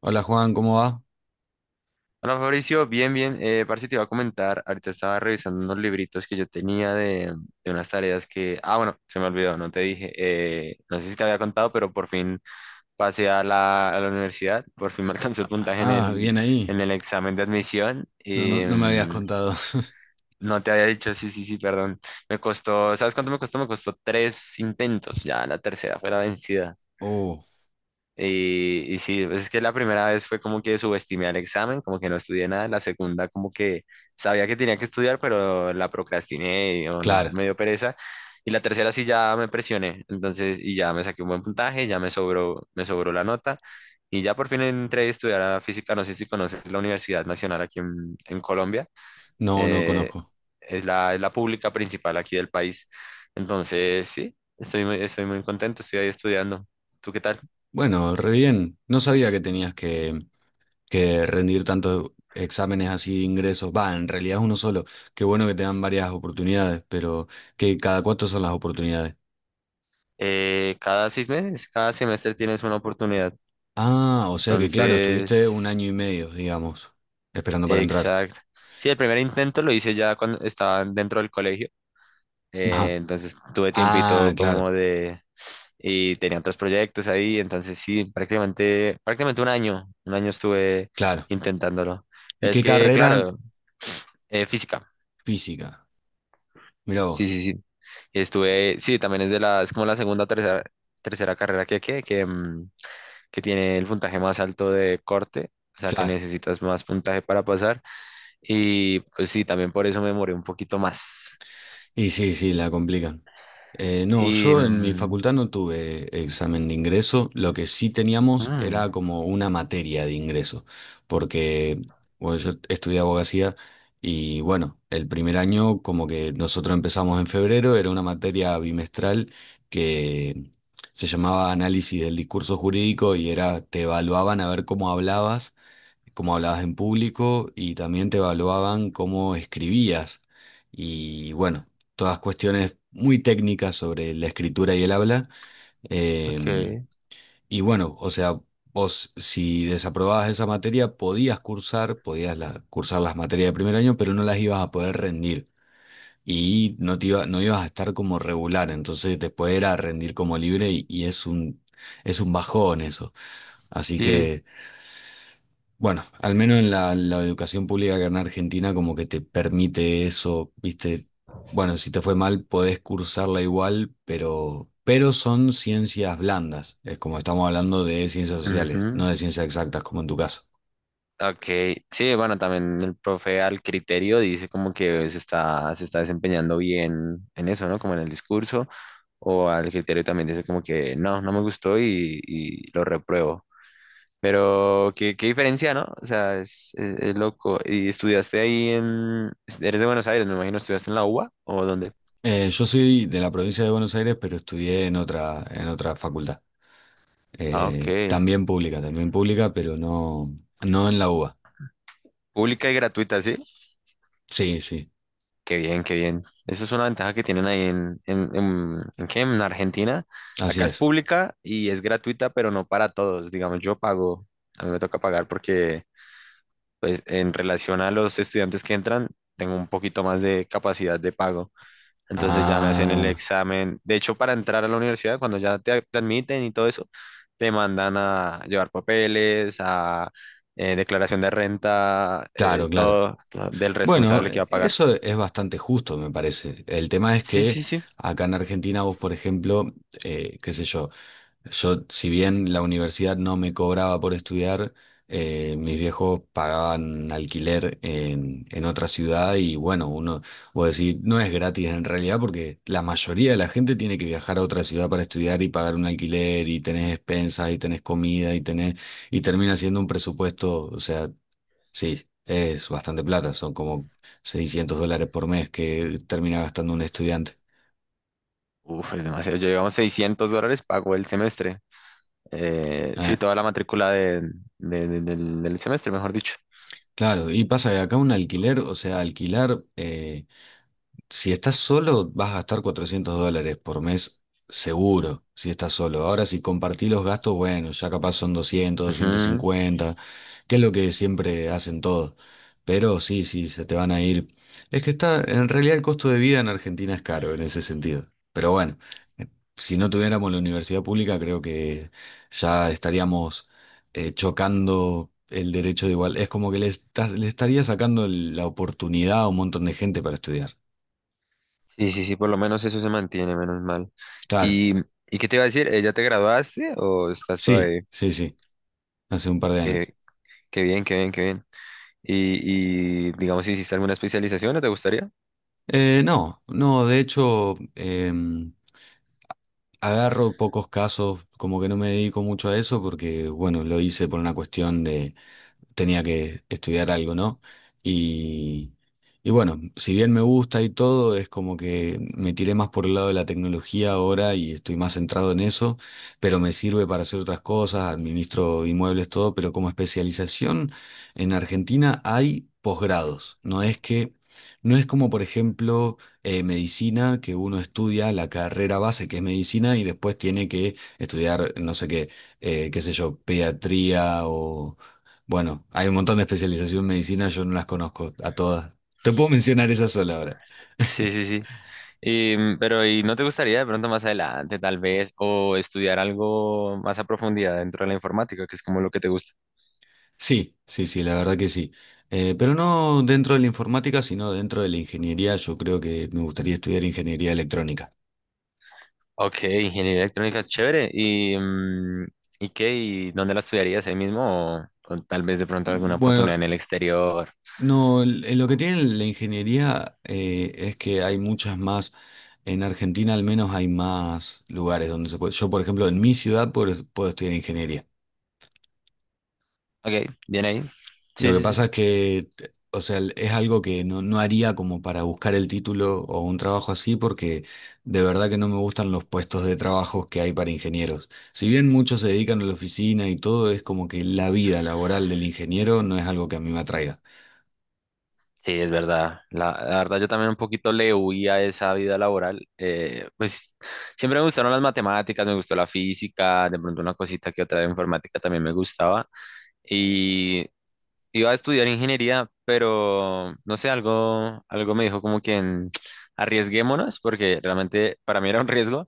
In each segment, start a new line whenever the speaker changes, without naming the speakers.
Hola Juan, ¿cómo va?
Hola Fabricio, bien, bien. Parce, te iba a comentar, ahorita estaba revisando unos libritos que yo tenía de unas tareas que... Ah, bueno, se me olvidó, no te dije. No sé si te había contado, pero por fin pasé a la universidad, por fin me alcanzó el
Ah, ah,
puntaje en
ah,
el,
bien ahí.
en el examen de admisión.
No, no,
Y,
no me habías contado.
no te había dicho, sí, sí, sí, perdón. Me costó, ¿sabes cuánto me costó? Me costó tres intentos, ya la tercera fue la vencida.
Oh,
Y sí, pues es que la primera vez fue como que subestimé al examen, como que no estudié nada. La segunda como que sabía que tenía que estudiar, pero la procrastiné,
claro.
me dio pereza. Y la tercera sí ya me presioné, entonces, y ya me saqué un buen puntaje, ya me sobró la nota. Y ya por fin entré a estudiar a física, no sé si conoces la Universidad Nacional aquí en Colombia.
No, no
eh,
conozco.
es la pública principal aquí del país. Entonces, sí, estoy muy contento, estoy ahí estudiando. ¿Tú qué tal?
Bueno, re bien. No sabía que tenías que rendir tantos exámenes así de ingresos. Va, en realidad es uno solo. Qué bueno que te dan varias oportunidades, pero que cada cuánto son las oportunidades.
Cada seis meses, cada semestre tienes una oportunidad.
Ah, o sea que claro,
Entonces,
estuviste un año y medio, digamos, esperando para entrar.
exacto. Sí, el primer intento lo hice ya cuando estaba dentro del colegio.
Ajá.
Entonces tuve
Ah,
tiempito
claro,
como de... Y tenía otros proyectos ahí. Entonces, sí, prácticamente, prácticamente un año. Un año estuve
claro.
intentándolo.
¿Y
Es
qué
que,
carrera?
claro, física.
Física. Mirá
Sí,
vos.
sí, sí. Y estuve, sí, también es de la, es como la segunda o tercera carrera que tiene el puntaje más alto de corte, o sea que
Claro.
necesitas más puntaje para pasar. Y pues sí, también por eso me demoré un poquito más.
Y sí, sí, la complican. No,
Y...
yo en mi facultad no tuve examen de ingreso, lo que sí teníamos
mm,
era como una materia de ingreso, porque bueno, yo estudié abogacía y bueno, el primer año como que nosotros empezamos en febrero, era una materia bimestral que se llamaba análisis del discurso jurídico y era, te evaluaban a ver cómo hablabas en público y también te evaluaban cómo escribías. Y bueno, todas cuestiones muy técnicas sobre la escritura y el habla. Eh,
ok,
y bueno, o sea, vos si desaprobabas esa materia podías cursar las materias de primer año, pero no las ibas a poder rendir. Y no ibas a estar como regular, entonces después era rendir como libre y, es un bajón eso. Así
sí.
que bueno, al menos en la educación pública que en Argentina como que te permite eso, viste, bueno, si te fue mal podés cursarla igual, pero son ciencias blandas, es como estamos hablando de ciencias sociales, no
Ujú.
de ciencias exactas como en tu caso.
Ok, sí, bueno, también el profe al criterio dice como que se está desempeñando bien en eso, ¿no? Como en el discurso, o al criterio también dice como que no, no me gustó y lo repruebo. Pero qué, qué diferencia, ¿no? O sea, es loco. ¿Y estudiaste ahí en... ¿Eres de Buenos Aires, me imagino, ¿estudiaste en la UBA o dónde?
Yo soy de la provincia de Buenos Aires, pero estudié en en otra facultad,
Ah, ok.
también pública, pero no en la UBA.
¿Pública y gratuita, sí?
Sí, sí,
Qué bien, qué bien. Eso es una ventaja que tienen ahí en... ¿En qué? ¿En Argentina?
así
Acá es
es.
pública y es gratuita, pero no para todos. Digamos, yo pago, a mí me toca pagar porque, pues, en relación a los estudiantes que entran, tengo un poquito más de capacidad de pago. Entonces ya me hacían el
Ah,
examen. De hecho, para entrar a la universidad, cuando ya te admiten y todo eso, te mandan a llevar papeles, a declaración de renta,
claro, claro.
todo, todo del
Bueno,
responsable que va a pagar.
eso es bastante justo, me parece. El tema es
Sí,
que
sí, sí.
acá en Argentina vos, por ejemplo, qué sé yo, yo si bien la universidad no me cobraba por estudiar, mis viejos pagaban alquiler en otra ciudad y bueno, uno, vos decís, no es gratis en realidad porque la mayoría de la gente tiene que viajar a otra ciudad para estudiar y pagar un alquiler y tenés expensas y tenés comida y y termina siendo un presupuesto, o sea... Sí, es bastante plata, son como $600 por mes que termina gastando un estudiante.
Uf, es demasiado. Yo llevamos 600 dólares, pago el semestre. Sí,
Ah,
toda la matrícula del semestre, mejor dicho.
claro, y pasa que acá un alquiler, o sea, alquilar, si estás solo vas a gastar $400 por mes seguro, si estás solo. Ahora si compartís los gastos, bueno, ya capaz son doscientos, doscientos
Ujú.
cincuenta. que es lo que siempre hacen todos. Pero sí, sí, se te van a ir. Es que está, en realidad el costo de vida en Argentina es caro en ese sentido. Pero bueno, si no tuviéramos la universidad pública, creo que ya estaríamos chocando el derecho de igual. Es como que le, le estaría sacando la oportunidad a un montón de gente para estudiar.
Sí, sí, sí, por lo menos eso se mantiene, menos mal.
Claro,
¿Y, y qué te iba a decir? ¿Eh, ya te graduaste o estás
sí,
todavía?
sí, sí, hace un par de años.
Qué bien, qué bien, qué bien. Y digamos, si hiciste alguna especialización, ¿no te gustaría?
No, no, de hecho, em, agarro pocos casos, como que no me dedico mucho a eso porque, bueno, lo hice por una cuestión tenía que estudiar algo, ¿no? Y, y bueno, si bien me gusta y todo, es como que me tiré más por el lado de la tecnología ahora y estoy más centrado en eso, pero me sirve para hacer otras cosas, administro inmuebles, todo, pero como especialización en Argentina hay posgrados, no es que... No es como, por ejemplo, medicina, que uno estudia la carrera base, que es medicina, y después tiene que estudiar, no sé qué, qué sé yo, pediatría o bueno, hay un montón de especialización en medicina, yo no las conozco a todas. Te puedo mencionar esa sola ahora.
Sí, sí, sí. Y, pero, ¿y no te gustaría de pronto más adelante, tal vez, o estudiar algo más a profundidad dentro de la informática, que es como lo que te gusta?
Sí, sí, sí, la verdad que sí. Pero no dentro de la informática, sino dentro de la ingeniería. Yo creo que me gustaría estudiar ingeniería electrónica.
Ok, ingeniería electrónica, chévere. ¿Y, ¿y qué? ¿Y dónde la estudiarías ahí mismo? O tal vez de pronto alguna
Bueno,
oportunidad en el exterior.
no, lo que tiene la ingeniería es que hay muchas más, en Argentina al menos hay más lugares donde se puede. Yo, por ejemplo, en mi ciudad puedo estudiar ingeniería.
Ok, bien ahí.
Lo
Sí,
que
sí, sí.
pasa es que, o sea, es algo que no haría como para buscar el título o un trabajo así, porque de verdad que no me gustan los puestos de trabajo que hay para ingenieros. Si bien muchos se dedican a la oficina y todo, es como que la vida laboral del ingeniero no es algo que a mí me atraiga.
Sí, es verdad. La verdad, yo también un poquito le huía a esa vida laboral. Pues siempre me gustaron las matemáticas, me gustó la física, de pronto una cosita que otra de informática también me gustaba. Y iba a estudiar ingeniería, pero no sé, algo me dijo como que arriesguémonos, porque realmente para mí era un riesgo,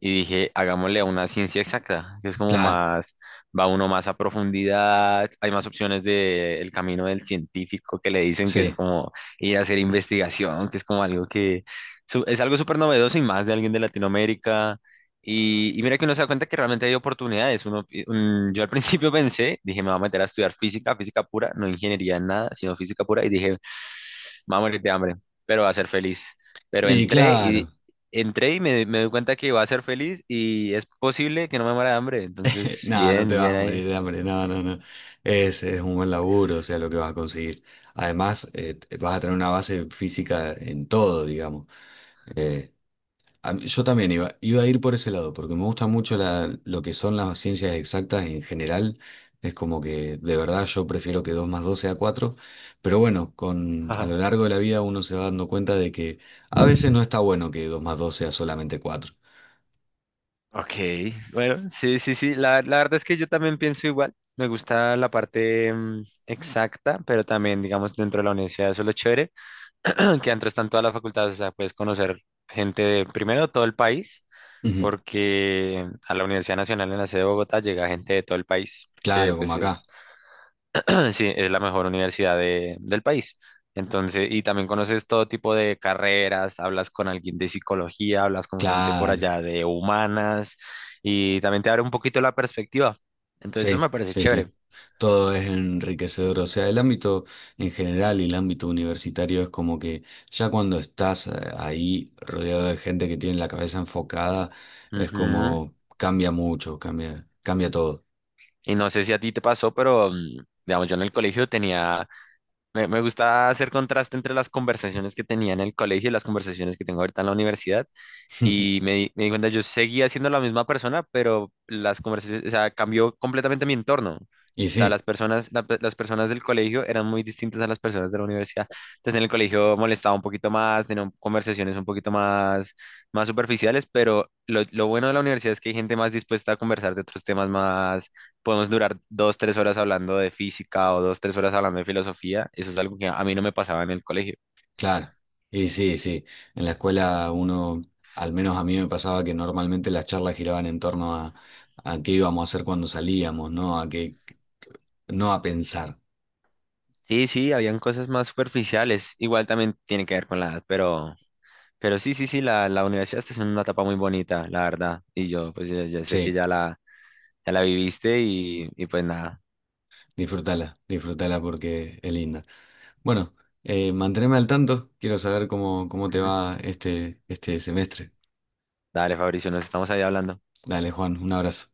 y dije, hagámosle a una ciencia exacta, que es como
Claro,
más, va uno más a profundidad, hay más opciones del camino del científico que le dicen que es
sí.
como ir a hacer investigación, que es como algo que es algo súper novedoso y más de alguien de Latinoamérica. Y mira que uno se da cuenta que realmente hay oportunidades. Yo al principio pensé, dije, me voy a meter a estudiar física, física pura, no ingeniería, nada, sino física pura, y dije, me voy a morir de hambre, pero va a ser feliz. Pero
Y
entré
claro,
entré y me doy cuenta que va a ser feliz y es posible que no me muera de hambre. Entonces,
nada, no te
bien,
vas
bien
a morir
ahí.
de hambre, no, no, no. Es un buen laburo, o sea, lo que vas a conseguir. Además, vas a tener una base física en todo, digamos. Eh, Yo también iba a ir por ese lado, porque me gusta mucho lo que son las ciencias exactas en general. Es como que de verdad yo prefiero que 2 más 2 sea cuatro, pero bueno, con, a lo
Ajá.
largo de la vida uno se va dando cuenta de que a veces no está bueno que dos más 2 sea solamente cuatro.
Ok, bueno, sí, sí, sí. La verdad es que yo también pienso igual. Me gusta la parte exacta, pero también, digamos, dentro de la universidad, eso es lo chévere. Que adentro están todas las facultades, o sea, puedes conocer gente de primero todo el país,
Ujú.
porque a la Universidad Nacional en la sede de Bogotá llega gente de todo el país, que
Claro, como
pues
acá.
es, sí, es la mejor universidad del país. Entonces, y también conoces todo tipo de carreras, hablas con alguien de psicología, hablas con gente por
Claro.
allá de humanas, y también te abre un poquito la perspectiva. Entonces, eso me
Sí,
parece
sí,
chévere.
sí. Todo es enriquecedor. O sea, el ámbito en general y el ámbito universitario es como que ya cuando estás ahí rodeado de gente que tiene la cabeza enfocada, es
Ujú.
como cambia mucho, cambia, cambia todo.
Y no sé si a ti te pasó, pero, digamos, yo en el colegio tenía. Me gusta hacer contraste entre las conversaciones que tenía en el colegio y las conversaciones que tengo ahorita en la universidad. Y me, di me di cuenta, yo seguía siendo la misma persona, pero las conversaciones, o sea, cambió completamente mi entorno.
Y
O
sí,
sea, las personas, las personas del colegio eran muy distintas a las personas de la universidad. Entonces, en el colegio molestaba un poquito más, tenía conversaciones un poquito más, más superficiales, pero lo bueno de la universidad es que hay gente más dispuesta a conversar de otros temas, podemos durar dos, tres horas hablando de física o dos, tres horas hablando de filosofía. Eso es algo que a mí no me pasaba en el colegio.
claro. Y sí, sí. En la escuela uno, al menos a mí me pasaba que normalmente las charlas giraban en torno a qué íbamos a hacer cuando salíamos, ¿no? A qué, no a pensar.
Sí, sí, habían cosas más superficiales. Igual también tiene que ver con la edad, pero sí, sí, sí, la universidad está en una etapa muy bonita, la verdad. Y yo, pues ya, ya sé que
Sí,
ya ya la viviste y pues nada.
disfrútala, disfrútala porque es linda. Bueno, manteneme al tanto. Quiero saber cómo, cómo te
Ujú.
va este semestre.
Dale, Fabricio, nos estamos ahí hablando.
Dale, Juan, un abrazo.